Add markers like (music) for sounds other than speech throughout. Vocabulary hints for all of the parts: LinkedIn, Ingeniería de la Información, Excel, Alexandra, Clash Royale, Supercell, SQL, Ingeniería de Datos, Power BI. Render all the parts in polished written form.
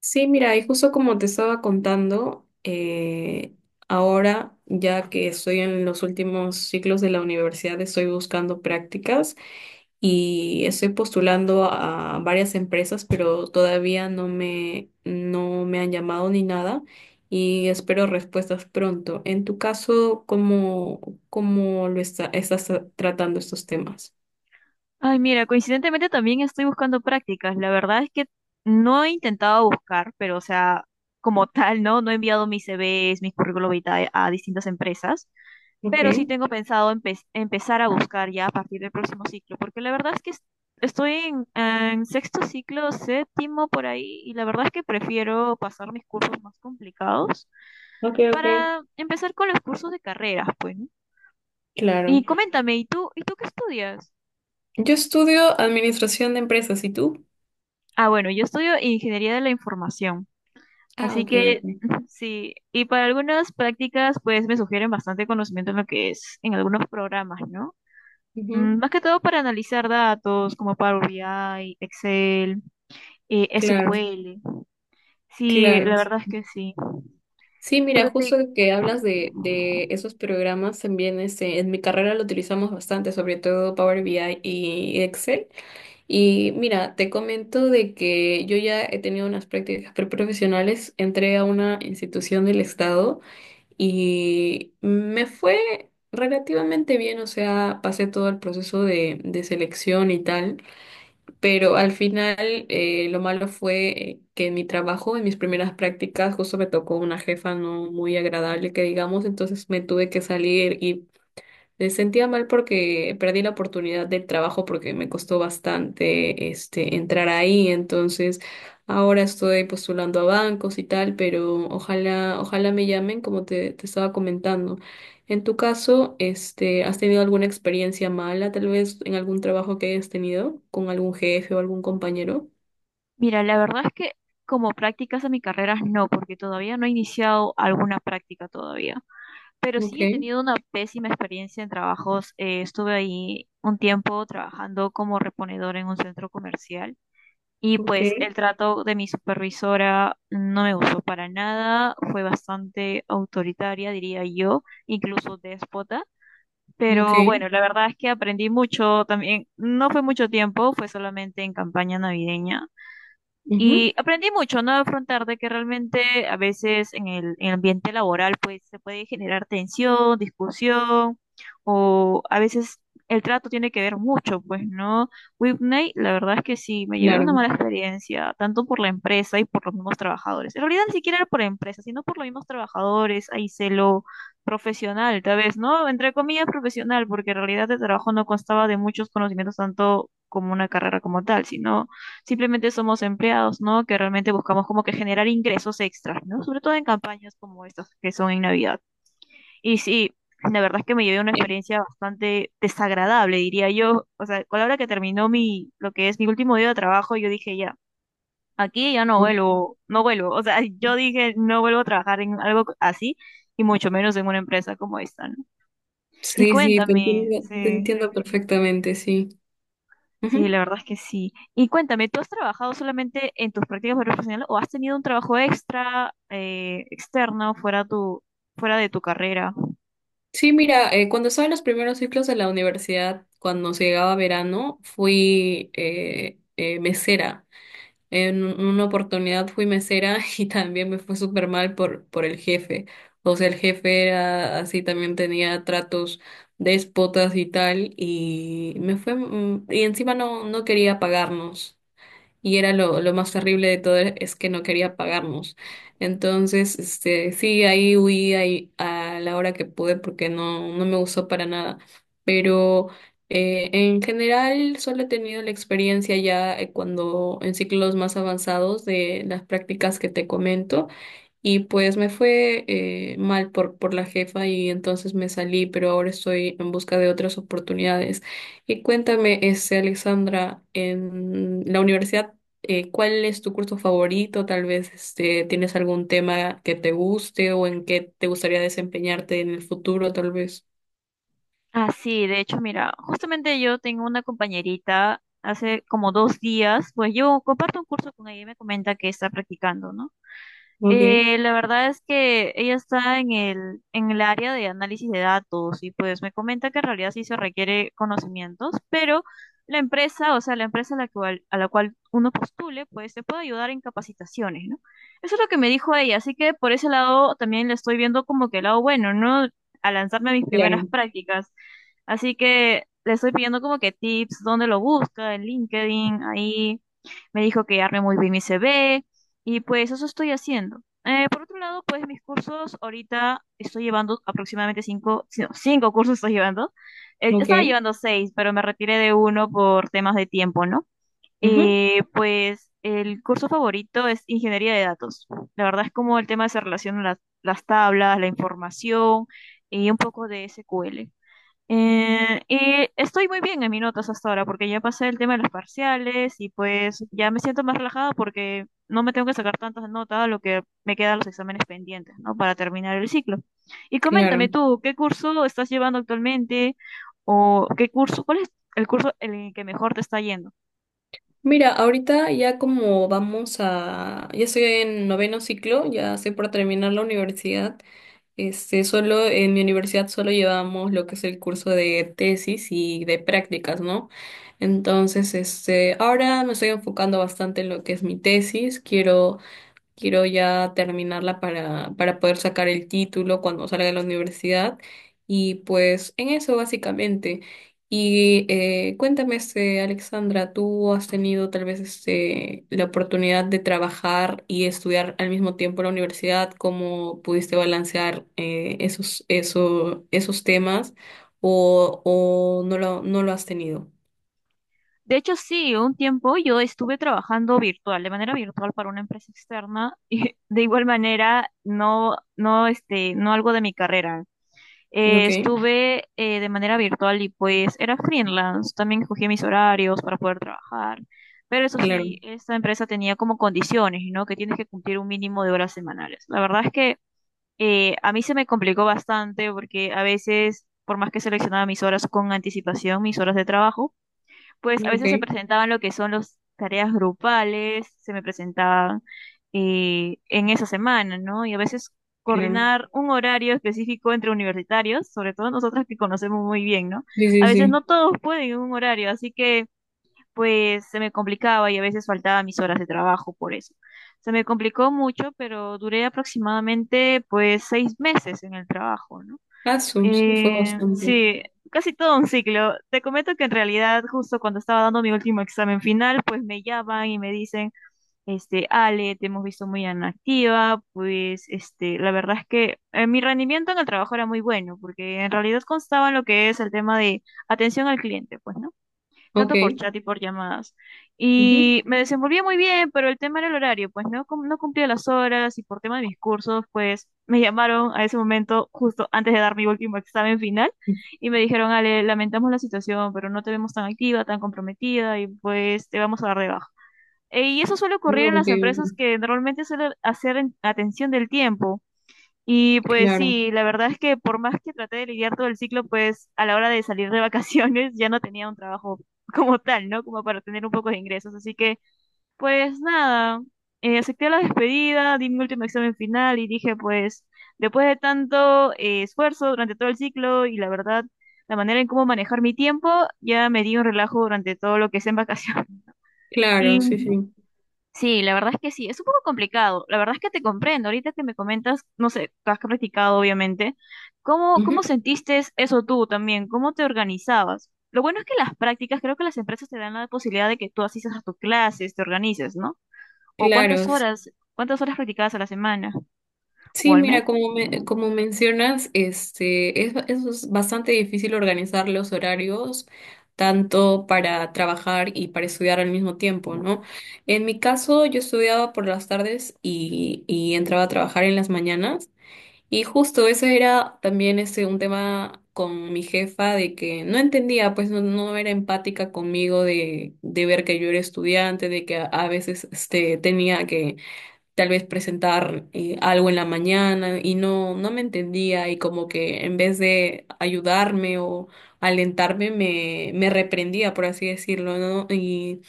Sí, mira, y justo como te estaba contando, ahora ya que estoy en los últimos ciclos de la universidad, estoy buscando prácticas y estoy postulando a varias empresas, pero todavía no me han llamado ni nada y espero respuestas pronto. En tu caso, ¿cómo lo estás tratando estos temas? Ay, mira, coincidentemente también estoy buscando prácticas. La verdad es que no he intentado buscar, pero o sea, como tal, ¿no? No he enviado mis CVs, mis currículum vitae a distintas empresas, Ok, pero sí tengo pensado empezar a buscar ya a partir del próximo ciclo, porque la verdad es que estoy en sexto ciclo, séptimo por ahí, y la verdad es que prefiero pasar mis cursos más complicados ok, ok. para empezar con los cursos de carreras, pues, ¿no? Y Claro. coméntame, ¿y tú qué estudias? Yo estudio administración de empresas, ¿y tú? Ah, bueno, yo estudio Ingeniería de la Información. Ah, Así ok, que ok. (laughs) sí, y para algunas prácticas pues me sugieren bastante conocimiento en lo que es en algunos programas, ¿no? Ujú. Más que todo para analizar datos como Power BI, Excel, Claro, SQL. Sí, claro. la verdad es que sí. Sí, Pero mira, justo te... que hablas Ujú. de esos programas, también en mi carrera lo utilizamos bastante, sobre todo Power BI y Excel. Y mira, te comento de que yo ya he tenido unas prácticas preprofesionales, entré a una institución del Estado y me fue relativamente bien, o sea, pasé todo el proceso de selección y tal. Pero al final lo malo fue que en mi trabajo, en mis primeras prácticas, justo me tocó una jefa no muy agradable, que digamos, entonces me tuve que salir y me sentía mal porque perdí la oportunidad del trabajo porque me costó bastante entrar ahí, entonces ahora estoy postulando a bancos y tal, pero ojalá, ojalá me llamen como te estaba comentando. En tu caso, ¿has tenido alguna experiencia mala, tal vez en algún trabajo que hayas tenido con algún jefe o algún compañero? Mira, la verdad es que como prácticas a mi carrera no, porque todavía no he iniciado alguna práctica todavía. Pero Ok, sí he tenido una pésima experiencia en trabajos. Estuve ahí un tiempo trabajando como reponedor en un centro comercial. Y ok, pues el trato de mi supervisora no me gustó para nada, fue bastante autoritaria, diría yo, incluso déspota. ok, Pero bueno, la verdad es que aprendí mucho también, no fue mucho tiempo, fue solamente en campaña navideña, ujú, y aprendí mucho, ¿no? A afrontar de que realmente a veces en el ambiente laboral pues se puede generar tensión, discusión, o a veces el trato tiene que ver mucho, pues, ¿no? Whitney, la verdad es que sí, me llevé una claro. mala experiencia, tanto por la empresa y por los mismos trabajadores. En realidad ni siquiera era por la empresa, sino por los mismos trabajadores, ahí celo profesional, tal vez, ¿no? Entre comillas profesional, porque en realidad el trabajo no constaba de muchos conocimientos tanto como una carrera como tal, sino simplemente somos empleados, ¿no? Que realmente buscamos como que generar ingresos extras, ¿no? Sobre todo en campañas como estas que son en Navidad. Y sí, la verdad es que me llevé una Eh, experiencia bastante desagradable, diría yo. O sea, con la hora que terminó lo que es mi último día de trabajo, yo dije ya, aquí ya no vuelvo, no vuelvo. O sea, (laughs) yo dije no vuelvo a trabajar en algo así y mucho menos en una empresa como esta, ¿no? Y Sí, sí, cuéntame, te sí. entiendo perfectamente, sí. Sí, la Ujú. verdad es que sí. Y cuéntame, ¿tú has trabajado solamente en tus prácticas profesionales o has tenido un trabajo extra, externo, fuera de tu carrera? Sí, mira, cuando estaba en los primeros ciclos de la universidad, cuando se llegaba verano, fui mesera. En una oportunidad fui mesera (laughs) y también me fue súper mal por el jefe. O sea, el jefe era así, también tenía tratos déspotas y tal, y me fue, y encima no quería pagarnos. Y era lo más terrible de todo es que no quería pagarnos. Entonces, sí, ahí huí ahí a la hora que pude porque no me gustó para nada. Pero en general solo he tenido la experiencia ya cuando en ciclos más avanzados de las prácticas que te comento. Y pues me fue mal por la jefa y entonces me salí, pero ahora estoy en busca de otras oportunidades. Y cuéntame, Alexandra, en la universidad, ¿cuál es tu curso favorito? Tal vez tienes algún tema que te guste o en qué te gustaría desempeñarte en el futuro, tal vez. Ah, sí, de hecho, mira, justamente yo tengo una compañerita hace como 2 días, pues yo comparto un curso con ella y me comenta que está practicando, ¿no? Ok, La verdad es que ella está en el área de análisis de datos y pues me comenta que en realidad sí se requiere conocimientos, pero la empresa, o sea, la empresa a la cual uno postule, pues te puede ayudar en capacitaciones, ¿no? Eso es lo que me dijo ella, así que por ese lado también le estoy viendo como que el lado bueno, ¿no? A lanzarme a mis primeras claro, prácticas. Así que le estoy pidiendo como que tips, dónde lo busca, en LinkedIn, ahí me dijo que arme muy bien mi CV y pues eso estoy haciendo. Por otro lado, pues mis cursos, ahorita estoy llevando aproximadamente cinco, sí, no, cinco cursos estoy llevando. Estaba ok. llevando seis, pero me retiré de uno por temas de tiempo, ¿no? Ujú, Pues el curso favorito es ingeniería de datos. La verdad es como el tema se relaciona las tablas, la información y un poco de SQL. Y estoy muy bien en mis notas hasta ahora porque ya pasé el tema de los parciales y pues ya me siento más relajada porque no me tengo que sacar tantas notas, a lo que me quedan los exámenes pendientes, ¿no? Para terminar el ciclo. Y coméntame claro. tú, ¿qué curso estás llevando actualmente? ¿O qué curso, cuál es el curso en el que mejor te está yendo? Mira, ahorita ya ya estoy en noveno ciclo, ya estoy por terminar la universidad. Este, solo en mi universidad solo llevamos lo que es el curso de tesis y de prácticas, ¿no? Entonces, ahora me estoy enfocando bastante en lo que es mi tesis. Quiero ya terminarla para poder sacar el título cuando salga de la universidad. Y pues en eso básicamente. Y cuéntame, Alexandra, ¿tú has tenido tal vez la oportunidad de trabajar y estudiar al mismo tiempo en la universidad? ¿Cómo pudiste balancear esos temas? O no lo has tenido? De hecho, sí, un tiempo yo estuve trabajando virtual, de manera virtual para una empresa externa (laughs) y de igual manera no, no, no algo de mi carrera. Ok, Estuve de manera virtual y pues era freelance. También escogí mis horarios para poder trabajar. Pero eso claro. sí, esta empresa tenía como condiciones, ¿no? Que tienes que cumplir un mínimo de horas semanales. La verdad es que a mí se me complicó bastante porque a veces, por más que seleccionaba mis horas con anticipación, mis horas de trabajo, pues a veces se Ok, presentaban lo que son las tareas grupales, se me presentaban en esa semana, ¿no? Y a veces claro. coordinar un horario específico entre universitarios, sobre todo nosotras que conocemos muy bien, ¿no? Sí, A sí, veces sí. no todos pueden en un horario, así que pues se me complicaba y a veces faltaban mis horas de trabajo por eso. Se me complicó mucho, pero duré aproximadamente pues 6 meses en el trabajo, ¿no? Ah, sí, fue bastante. Sí, casi todo un ciclo. Te comento que en realidad, justo cuando estaba dando mi último examen final, pues me llaman y me dicen, Ale, te hemos visto muy inactiva, pues, la verdad es que mi rendimiento en el trabajo era muy bueno, porque en realidad constaba en lo que es el tema de atención al cliente, pues, ¿no? Ok. Tanto por chat y por llamadas. Ujú. Y me desenvolvía muy bien, pero el tema era el horario, pues no, no cumplía las horas y por tema de mis cursos, pues me llamaron a ese momento justo antes de dar mi último examen final y me dijeron, Ale, lamentamos la situación, pero no te vemos tan activa, tan comprometida y pues te vamos a dar de baja. Y eso suele Ah, ocurrir en ok, las empresas ok. que normalmente suelen hacer atención del tiempo. Y pues Claro, sí, la verdad es que por más que traté de lidiar todo el ciclo, pues a la hora de salir de vacaciones (laughs) ya no tenía un trabajo como tal, ¿no? Como para tener un poco de ingresos. Así que, pues nada, acepté la despedida, di mi último examen final y dije, pues después de tanto esfuerzo durante todo el ciclo y la verdad, la manera en cómo manejar mi tiempo, ya me di un relajo durante todo lo que es en vacaciones. (laughs) Y claro, sí, sí. sí, la verdad es que sí, es un poco complicado. La verdad es que te comprendo. Ahorita que me comentas, no sé, has practicado, obviamente. ¿Cómo, Ujú, cómo sentiste eso tú también? ¿Cómo te organizabas? Lo bueno es que las prácticas, creo que las empresas te dan la posibilidad de que tú asistas a tus clases, te organices, ¿no? O claro. Cuántas horas practicabas a la semana o Sí, al mes. mira, como mencionas, es, bastante difícil organizar los horarios, tanto para trabajar y para estudiar al mismo tiempo, ¿no? En mi caso, yo estudiaba por las tardes y entraba a trabajar en las mañanas. Y justo eso era también un tema con mi jefa de que no entendía, pues no era empática conmigo de ver que yo era estudiante, de que a veces tenía que tal vez presentar algo en la mañana y no me entendía y como que en vez de ayudarme o alentarme me reprendía, por así decirlo, ¿no? Y,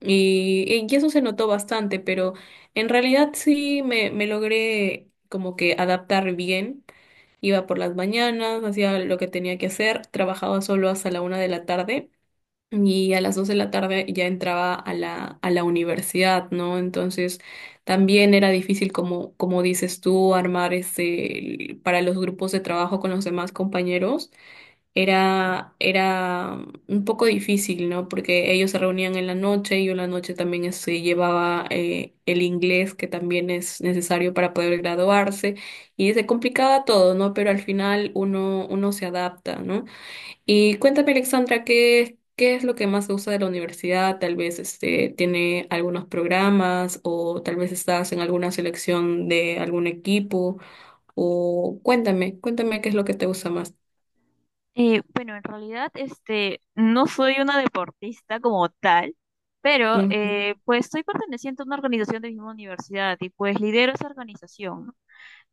y, Y eso se notó bastante, pero en realidad sí me logré como que adaptar bien. Iba por las mañanas, hacía lo que tenía que hacer, trabajaba solo hasta la una de la tarde y a las dos de la tarde ya entraba a a la universidad, ¿no? Entonces también era difícil, como, como dices tú, armar para los grupos de trabajo con los demás compañeros era un poco difícil, ¿no? Porque ellos se reunían en la noche y yo en la noche también se llevaba el inglés que también es necesario para poder graduarse y se complicaba todo, ¿no? Pero al final uno se adapta, ¿no? Y cuéntame, Alexandra, ¿qué es lo que más te gusta de la universidad? Tal vez tiene algunos programas o tal vez estás en alguna selección de algún equipo o cuéntame, cuéntame qué es lo que te gusta más. Bueno, en realidad, este, no soy una deportista como tal. Pero, Ujú, pues, estoy perteneciente a una organización de mi misma universidad y, pues, lidero esa organización, ¿no?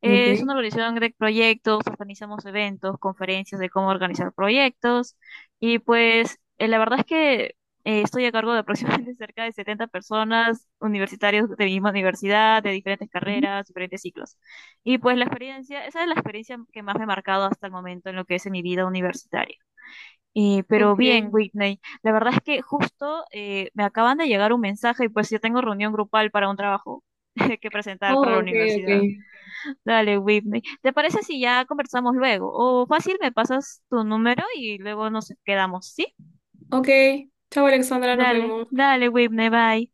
Es ok. una organización de proyectos, organizamos eventos, conferencias de cómo organizar proyectos y pues la verdad es que estoy a cargo de aproximadamente (laughs) cerca de 70 personas, universitarios de mi misma universidad, de diferentes Ujú. carreras, diferentes ciclos. Y pues la experiencia, esa es la experiencia que más me ha marcado hasta el momento en lo que es en mi vida universitaria. Ok. Pero bien, Whitney, la verdad es que justo me acaban de llegar un mensaje y pues yo tengo reunión grupal para un trabajo (laughs) que presentar para Oh, la ok, universidad. ok. Dale, Whitney. ¿Te parece si ya conversamos luego? O fácil, me pasas tu número y luego nos quedamos, ¿sí? Ok. Chao, Alexandra, nos Dale, vemos. dale, Whitney, bye.